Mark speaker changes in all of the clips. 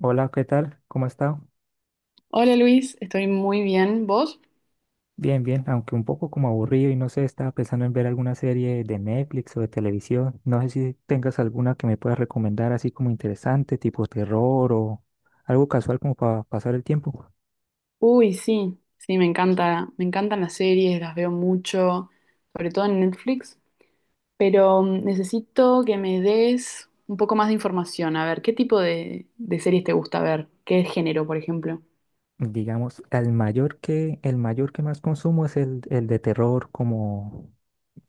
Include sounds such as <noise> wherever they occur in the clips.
Speaker 1: Hola, ¿qué tal? ¿Cómo ha estado?
Speaker 2: Hola Luis, estoy muy bien. ¿Vos?
Speaker 1: Bien, bien, aunque un poco como aburrido y no sé, estaba pensando en ver alguna serie de Netflix o de televisión. No sé si tengas alguna que me puedas recomendar así como interesante, tipo terror o algo casual como para pasar el tiempo.
Speaker 2: Uy, sí, sí, me encantan las series, las veo mucho, sobre todo en Netflix, pero necesito que me des un poco más de información. A ver, ¿qué tipo de series te gusta ver? ¿Qué género, por ejemplo?
Speaker 1: Digamos, el mayor que más consumo es el de terror, como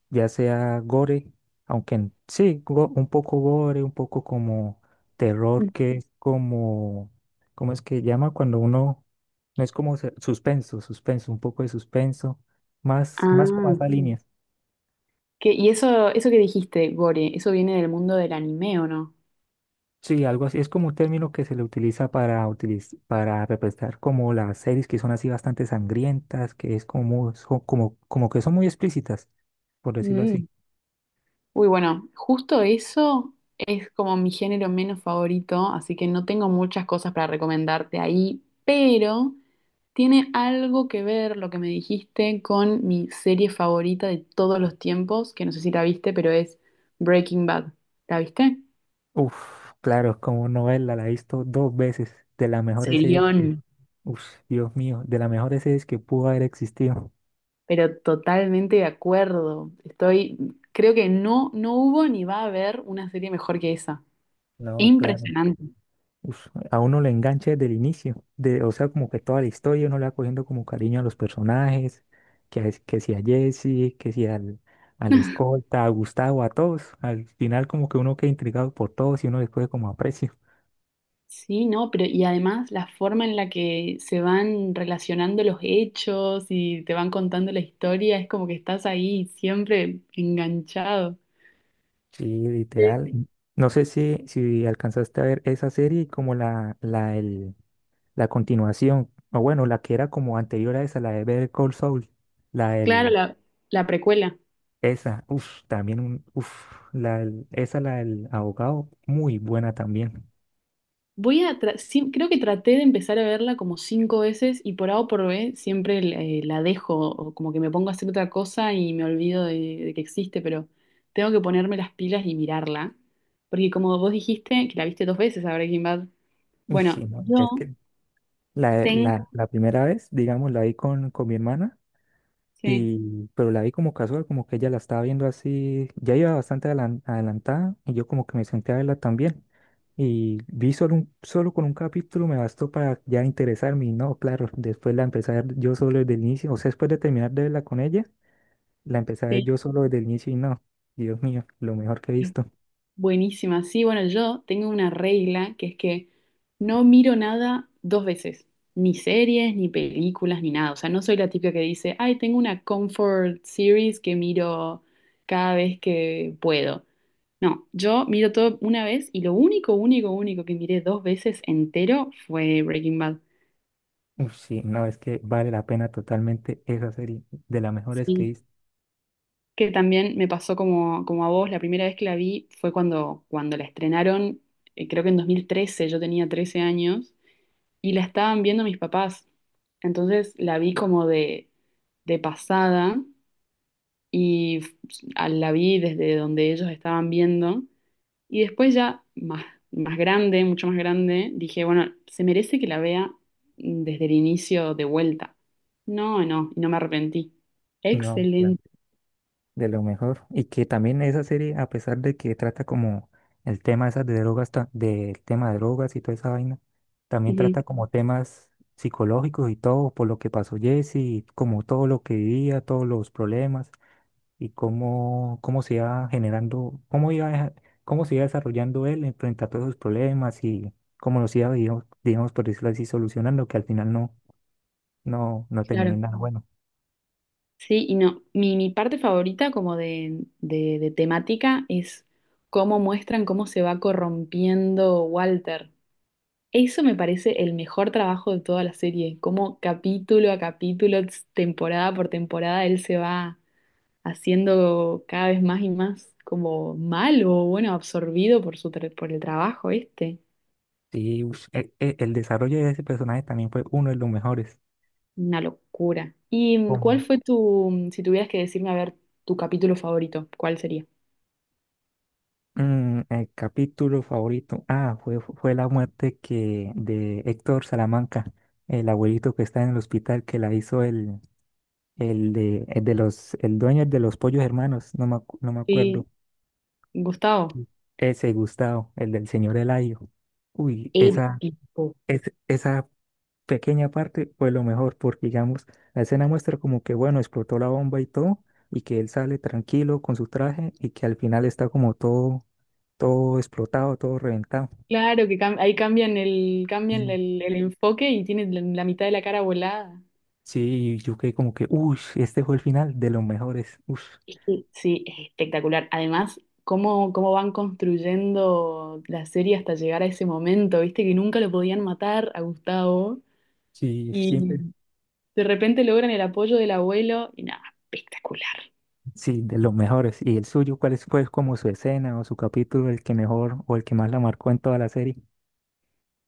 Speaker 1: ya sea gore, aunque sí, un poco gore, un poco como terror,
Speaker 2: Mm.
Speaker 1: ¿cómo es que llama? No es como suspenso, suspenso, un poco de suspenso, más como
Speaker 2: Ah,
Speaker 1: esa línea.
Speaker 2: y eso que dijiste, Gore, ¿eso viene del mundo del anime, o no?
Speaker 1: Sí, algo así, es como un término que se le utiliza para representar como las series que son así bastante sangrientas, que es como, como que son muy explícitas, por decirlo
Speaker 2: Mm.
Speaker 1: así.
Speaker 2: Uy, bueno, justo eso es como mi género menos favorito, así que no tengo muchas cosas para recomendarte ahí, pero tiene algo que ver lo que me dijiste con mi serie favorita de todos los tiempos, que no sé si la viste, pero es Breaking Bad. ¿La viste?
Speaker 1: Uf, claro, como novela, la he visto dos veces, de las mejores series.
Speaker 2: Serión.
Speaker 1: Uf, Dios mío, de las mejores series que pudo haber existido.
Speaker 2: Pero totalmente de acuerdo. Creo que no, no hubo ni va a haber una serie mejor que esa.
Speaker 1: No, claro.
Speaker 2: Impresionante.
Speaker 1: Uf, a uno le engancha desde el inicio, o sea, como que toda la historia uno le va cogiendo como cariño a los personajes, que si a Jesse, que si al escolta, a Gustavo, a todos. Al final como que uno queda intrigado por todos y uno les coge como aprecio.
Speaker 2: Sí, no, pero y además la forma en la que se van relacionando los hechos y te van contando la historia, es como que estás ahí siempre enganchado.
Speaker 1: Sí,
Speaker 2: Sí.
Speaker 1: literal. Mm. No sé si alcanzaste a ver esa serie como la continuación, o bueno, la que era como anterior a esa, la de Better Call Saul, la
Speaker 2: Claro,
Speaker 1: del,
Speaker 2: la precuela.
Speaker 1: esa, uff, también un, uff, la, del- esa, la del abogado, muy buena también.
Speaker 2: Sí, creo que traté de empezar a verla como cinco veces, y por A o por B siempre la dejo, o como que me pongo a hacer otra cosa y me olvido de que existe, pero tengo que ponerme las pilas y mirarla. Porque como vos dijiste, que la viste dos veces a Breaking Bad,
Speaker 1: Uff, sí,
Speaker 2: bueno,
Speaker 1: no, es que la, la,
Speaker 2: tengo,
Speaker 1: la primera vez, digamos, la vi con mi hermana,
Speaker 2: sí,
Speaker 1: pero la vi como casual, como que ella la estaba viendo así, ya iba bastante adelantada, y yo como que me senté a verla también. Y vi solo con un capítulo me bastó para ya interesarme, y no, claro, después la empecé a ver yo solo desde el inicio, o sea, después de terminar de verla con ella, la empecé a ver
Speaker 2: sí.
Speaker 1: yo solo desde el inicio, y no, Dios mío, lo mejor que he visto.
Speaker 2: Buenísima. Sí, bueno, yo tengo una regla que es que no miro nada dos veces, ni series, ni películas, ni nada. O sea, no soy la típica que dice, ay, tengo una comfort series que miro cada vez que puedo. No, yo miro todo una vez y lo único, único, único que miré dos veces entero fue Breaking Bad.
Speaker 1: Uf, sí, no, es que vale la pena totalmente esa serie, de las mejores que he
Speaker 2: Sí,
Speaker 1: visto,
Speaker 2: que también me pasó como, como a vos, la primera vez que la vi fue cuando, la estrenaron, creo que en 2013 yo tenía 13 años. Y la estaban viendo mis papás. Entonces la vi como de pasada y f- la vi desde donde ellos estaban viendo. Y después ya más, más grande, mucho más grande, dije, bueno, se merece que la vea desde el inicio de vuelta. No, no, y no me arrepentí.
Speaker 1: no, claro,
Speaker 2: Excelente.
Speaker 1: de lo mejor. Y que también esa serie, a pesar de que trata como el tema esas de drogas, ta- del tema de drogas y toda esa vaina, también
Speaker 2: Ujú,
Speaker 1: trata como temas psicológicos y todo, por lo que pasó Jesse, y como todo lo que vivía, todos los problemas y cómo se iba generando, cómo se iba desarrollando él en frente a todos esos problemas y cómo los iba, digamos, por decirlo así, solucionando, que al final no no, no terminó
Speaker 2: claro.
Speaker 1: en nada bueno.
Speaker 2: Sí, y no, mi parte favorita como de, de temática es cómo muestran cómo se va corrompiendo Walter. Eso me parece el mejor trabajo de toda la serie, como capítulo a capítulo, temporada por temporada, él se va haciendo cada vez más y más como malo, bueno, absorbido por su por el trabajo este.
Speaker 1: Sí, ush, desarrollo de ese personaje también fue uno de los mejores.
Speaker 2: Una locura. ¿Y cuál
Speaker 1: Como,
Speaker 2: fue tu, si tuvieras que decirme, a ver, tu capítulo favorito, cuál sería?
Speaker 1: el capítulo favorito, ah, fue la muerte que de Héctor Salamanca, el abuelito que está en el hospital que la hizo el dueño de Los Pollos Hermanos, no me acuerdo.
Speaker 2: Sí, Gustavo.
Speaker 1: Sí. Ese Gustavo, el del señor Eladio. Uy,
Speaker 2: Uy, épico.
Speaker 1: esa pequeña parte fue lo mejor, porque digamos, la escena muestra como que, bueno, explotó la bomba y todo, y que él sale tranquilo con su traje y que al final está como todo, todo explotado, todo reventado.
Speaker 2: Claro que ahí cambian el, cambian
Speaker 1: Y
Speaker 2: el, el enfoque y tienen la mitad de la cara volada.
Speaker 1: sí, yo quedé como que, uy, este fue el final de los mejores, uy,
Speaker 2: Es que sí, es espectacular. Además, cómo van construyendo la serie hasta llegar a ese momento, viste que nunca lo podían matar a Gustavo
Speaker 1: sí,
Speaker 2: y
Speaker 1: siempre,
Speaker 2: de repente logran el apoyo del abuelo y nada, espectacular.
Speaker 1: sí, de los mejores. ¿Y el suyo, fue como su escena o su capítulo, el que mejor o el que más la marcó en toda la serie?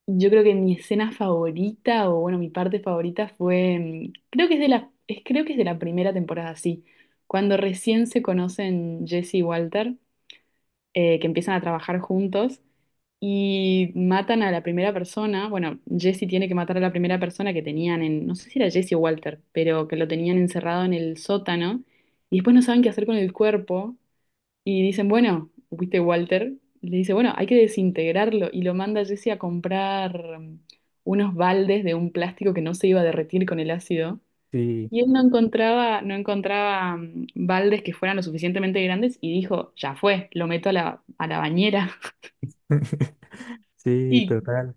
Speaker 2: Yo creo que mi escena favorita, o bueno, mi parte favorita fue, creo que es de la, creo que es de la primera temporada, sí, cuando recién se conocen Jesse y Walter, que empiezan a trabajar juntos, y matan a la primera persona. Bueno, Jesse tiene que matar a la primera persona que tenían en, no sé si era Jesse o Walter, pero que lo tenían encerrado en el sótano. Y después no saben qué hacer con el cuerpo. Y dicen, bueno, ¿viste Walter? Le dice, bueno, hay que desintegrarlo. Y lo manda Jesse a comprar unos baldes de un plástico que no se iba a derretir con el ácido.
Speaker 1: Sí,
Speaker 2: Y él no encontraba, no encontraba baldes que fueran lo suficientemente grandes y dijo, ya fue, lo meto a la bañera. <laughs>
Speaker 1: <laughs> sí,
Speaker 2: Y
Speaker 1: total.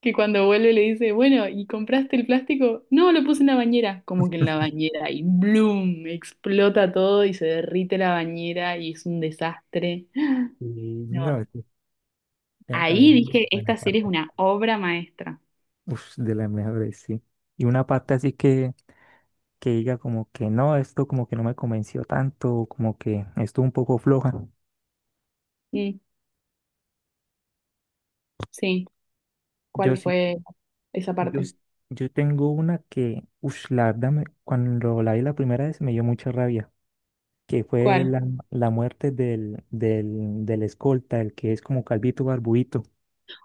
Speaker 2: que cuando vuelve le dice, bueno, ¿y compraste el plástico? No, lo puse en la bañera. Como que en la bañera y ¡bloom! Explota todo y se derrite la bañera y es un desastre.
Speaker 1: Y
Speaker 2: No,
Speaker 1: no, es que era
Speaker 2: ahí
Speaker 1: también,
Speaker 2: dije,
Speaker 1: bueno,
Speaker 2: esta serie es una obra maestra.
Speaker 1: uf, de las mejores, sí. Y una parte así que diga como que no, esto como que no me convenció tanto, o como que esto un poco floja.
Speaker 2: Mm, sí,
Speaker 1: Yo
Speaker 2: ¿cuál
Speaker 1: sí,
Speaker 2: fue esa
Speaker 1: yo,
Speaker 2: parte?
Speaker 1: s- yo tengo una que, uf, la verdad, cuando la vi la primera vez me dio mucha rabia, que fue
Speaker 2: ¿Cuál?
Speaker 1: la muerte del escolta, el que es como calvito barbudito.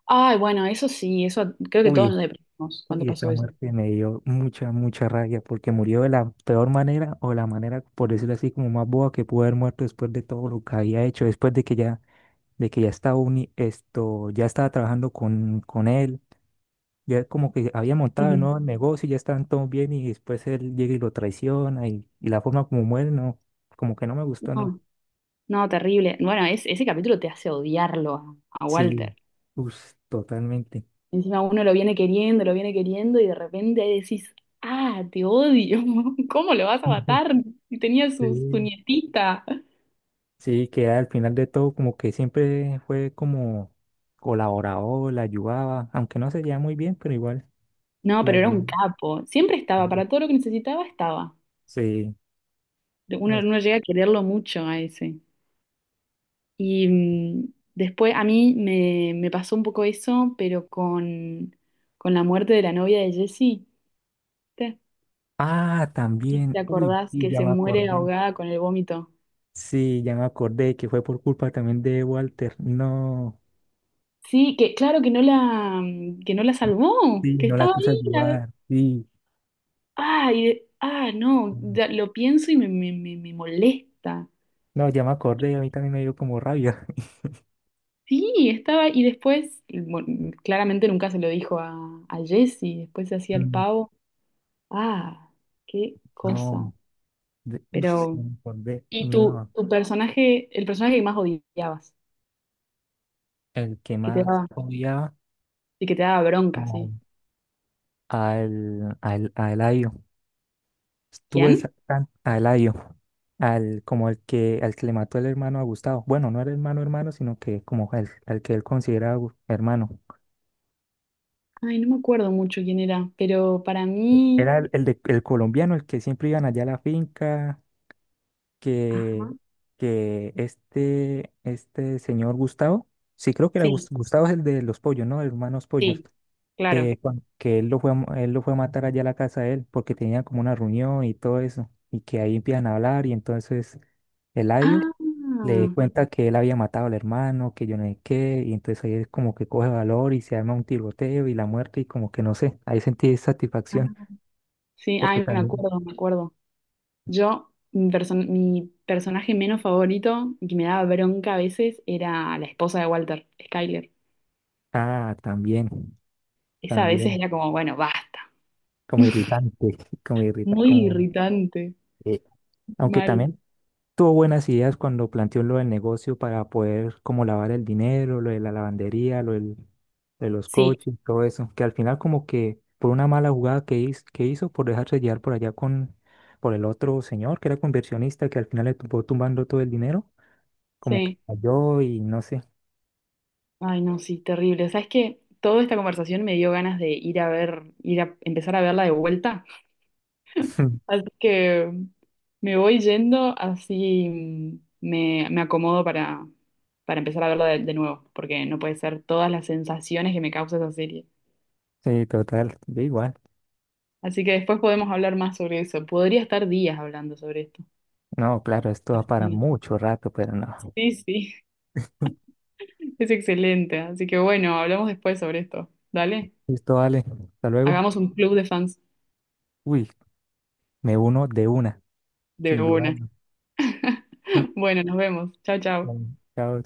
Speaker 2: Ay, bueno, eso sí, eso creo que todos
Speaker 1: Uy,
Speaker 2: nos deprimimos cuando
Speaker 1: y
Speaker 2: pasó
Speaker 1: esta
Speaker 2: eso.
Speaker 1: muerte me dio mucha, mucha rabia porque murió de la peor manera o la manera, por decirlo así, como más boba que pudo haber muerto después de todo lo que había hecho, después de que ya estaba ya estaba trabajando con él, ya como que había montado el
Speaker 2: Ujú.
Speaker 1: nuevo negocio, y ya estaban todos bien y después él llega y lo traiciona y la forma como muere, no, como que no me gustó, no.
Speaker 2: No, no, terrible. Bueno, ese capítulo te hace odiarlo a
Speaker 1: Sí,
Speaker 2: Walter.
Speaker 1: uff, totalmente.
Speaker 2: Encima uno lo viene queriendo y de repente ahí decís, ah, te odio, <laughs> ¿cómo lo vas a
Speaker 1: <laughs>
Speaker 2: matar? Y tenía
Speaker 1: Sí.
Speaker 2: su, su nietita.
Speaker 1: Sí, que al final de todo como que siempre fue como colaborador, la ayudaba, aunque no se llevaba muy bien, pero igual
Speaker 2: No,
Speaker 1: la
Speaker 2: pero era un
Speaker 1: ayudaba.
Speaker 2: capo. Siempre estaba, para todo lo que necesitaba estaba.
Speaker 1: Sí. no
Speaker 2: Uno,
Speaker 1: es-
Speaker 2: uno llega a quererlo mucho a ese. Y después a mí me, me pasó un poco eso, pero con la muerte de la novia de Jesse. ¿Te
Speaker 1: Ah,
Speaker 2: te
Speaker 1: también. Uy,
Speaker 2: acordás
Speaker 1: sí,
Speaker 2: que
Speaker 1: ya
Speaker 2: se
Speaker 1: me
Speaker 2: muere
Speaker 1: acordé.
Speaker 2: ahogada con el vómito?
Speaker 1: Sí, ya me acordé que fue por culpa también de Walter. No,
Speaker 2: Sí, que claro que no la salvó,
Speaker 1: sí,
Speaker 2: que
Speaker 1: no la
Speaker 2: estaba
Speaker 1: quiso
Speaker 2: ahí, la.
Speaker 1: ayudar. Sí.
Speaker 2: Ay, ah, no, ya lo pienso y me, me molesta.
Speaker 1: No, ya me acordé, a mí también me dio como rabia. <laughs>
Speaker 2: Sí, estaba, y después, bueno, claramente nunca se lo dijo a Jessy, después se hacía el
Speaker 1: Mm.
Speaker 2: pavo. Ah, qué cosa.
Speaker 1: No, ush, ya
Speaker 2: Pero,
Speaker 1: me acordé.
Speaker 2: y tu,
Speaker 1: No,
Speaker 2: tu personaje, el personaje que más odiabas,
Speaker 1: el que
Speaker 2: que te
Speaker 1: más
Speaker 2: daba,
Speaker 1: odiaba
Speaker 2: y que te daba bronca,
Speaker 1: al,
Speaker 2: sí.
Speaker 1: a Eladio.
Speaker 2: ¿Quién?
Speaker 1: A Eladio, como el que, al que le mató el hermano a Gustavo. Bueno, no era hermano hermano, sino que como al que él consideraba hermano.
Speaker 2: Ay, no me acuerdo mucho quién era, pero para mí,
Speaker 1: Era el colombiano, el que siempre iban allá a la finca,
Speaker 2: ajá,
Speaker 1: que, que este señor Gustavo, sí creo que era
Speaker 2: sí,
Speaker 1: Gustavo, es el de los pollos, ¿no? Hermanos Pollos.
Speaker 2: sí, claro.
Speaker 1: Cuan- que él lo fue a, mo- Él lo fue a matar allá a la casa de él, porque tenía como una reunión y todo eso, y que ahí empiezan a hablar, y entonces... Eladio
Speaker 2: Ah,
Speaker 1: le cuenta que él había matado al hermano, que yo no sé qué, y entonces ahí es como que coge valor y se arma un tiroteo y la muerte y como que no sé, ahí sentí
Speaker 2: ah,
Speaker 1: satisfacción
Speaker 2: sí,
Speaker 1: porque
Speaker 2: ay, me
Speaker 1: también,
Speaker 2: acuerdo, me acuerdo. Yo, mi, mi personaje menos favorito, y que me daba bronca a veces, era la esposa de Walter, Skyler.
Speaker 1: ah, también,
Speaker 2: Esa a veces
Speaker 1: también,
Speaker 2: era como, bueno, basta.
Speaker 1: como irritante, <laughs> como irrita,
Speaker 2: Muy
Speaker 1: como,
Speaker 2: irritante,
Speaker 1: eh, aunque
Speaker 2: mal.
Speaker 1: también tuvo buenas ideas cuando planteó lo del negocio para poder como lavar el dinero, lo de la lavandería, de los
Speaker 2: Sí,
Speaker 1: coches, todo eso, que al final como que por una mala jugada que hizo por dejarse llevar por allá con por el otro señor que era conversionista que al final le tuvo tumbando todo el dinero, como que
Speaker 2: sí.
Speaker 1: cayó y no sé.
Speaker 2: Ay, no, sí, terrible. ¿Sabes qué? Toda esta conversación me dio ganas de ir a ver, ir a empezar a verla de vuelta.
Speaker 1: <laughs>
Speaker 2: Así que me voy yendo, así me, acomodo para empezar a verla de nuevo, porque no puede ser todas las sensaciones que me causa esa serie.
Speaker 1: Sí, total, da igual.
Speaker 2: Así que después podemos hablar más sobre eso. Podría estar días hablando sobre esto.
Speaker 1: No, claro, esto va para
Speaker 2: Sí,
Speaker 1: mucho rato, pero no.
Speaker 2: sí, <laughs> es excelente. Así que bueno, hablamos después sobre esto. Dale,
Speaker 1: Listo, vale. Hasta luego.
Speaker 2: hagamos un club de fans
Speaker 1: Uy, me uno de una,
Speaker 2: de
Speaker 1: sin
Speaker 2: una.
Speaker 1: dudarlo.
Speaker 2: <laughs>
Speaker 1: <laughs>
Speaker 2: Bueno, nos vemos. Chao, chao.
Speaker 1: Bueno, chao.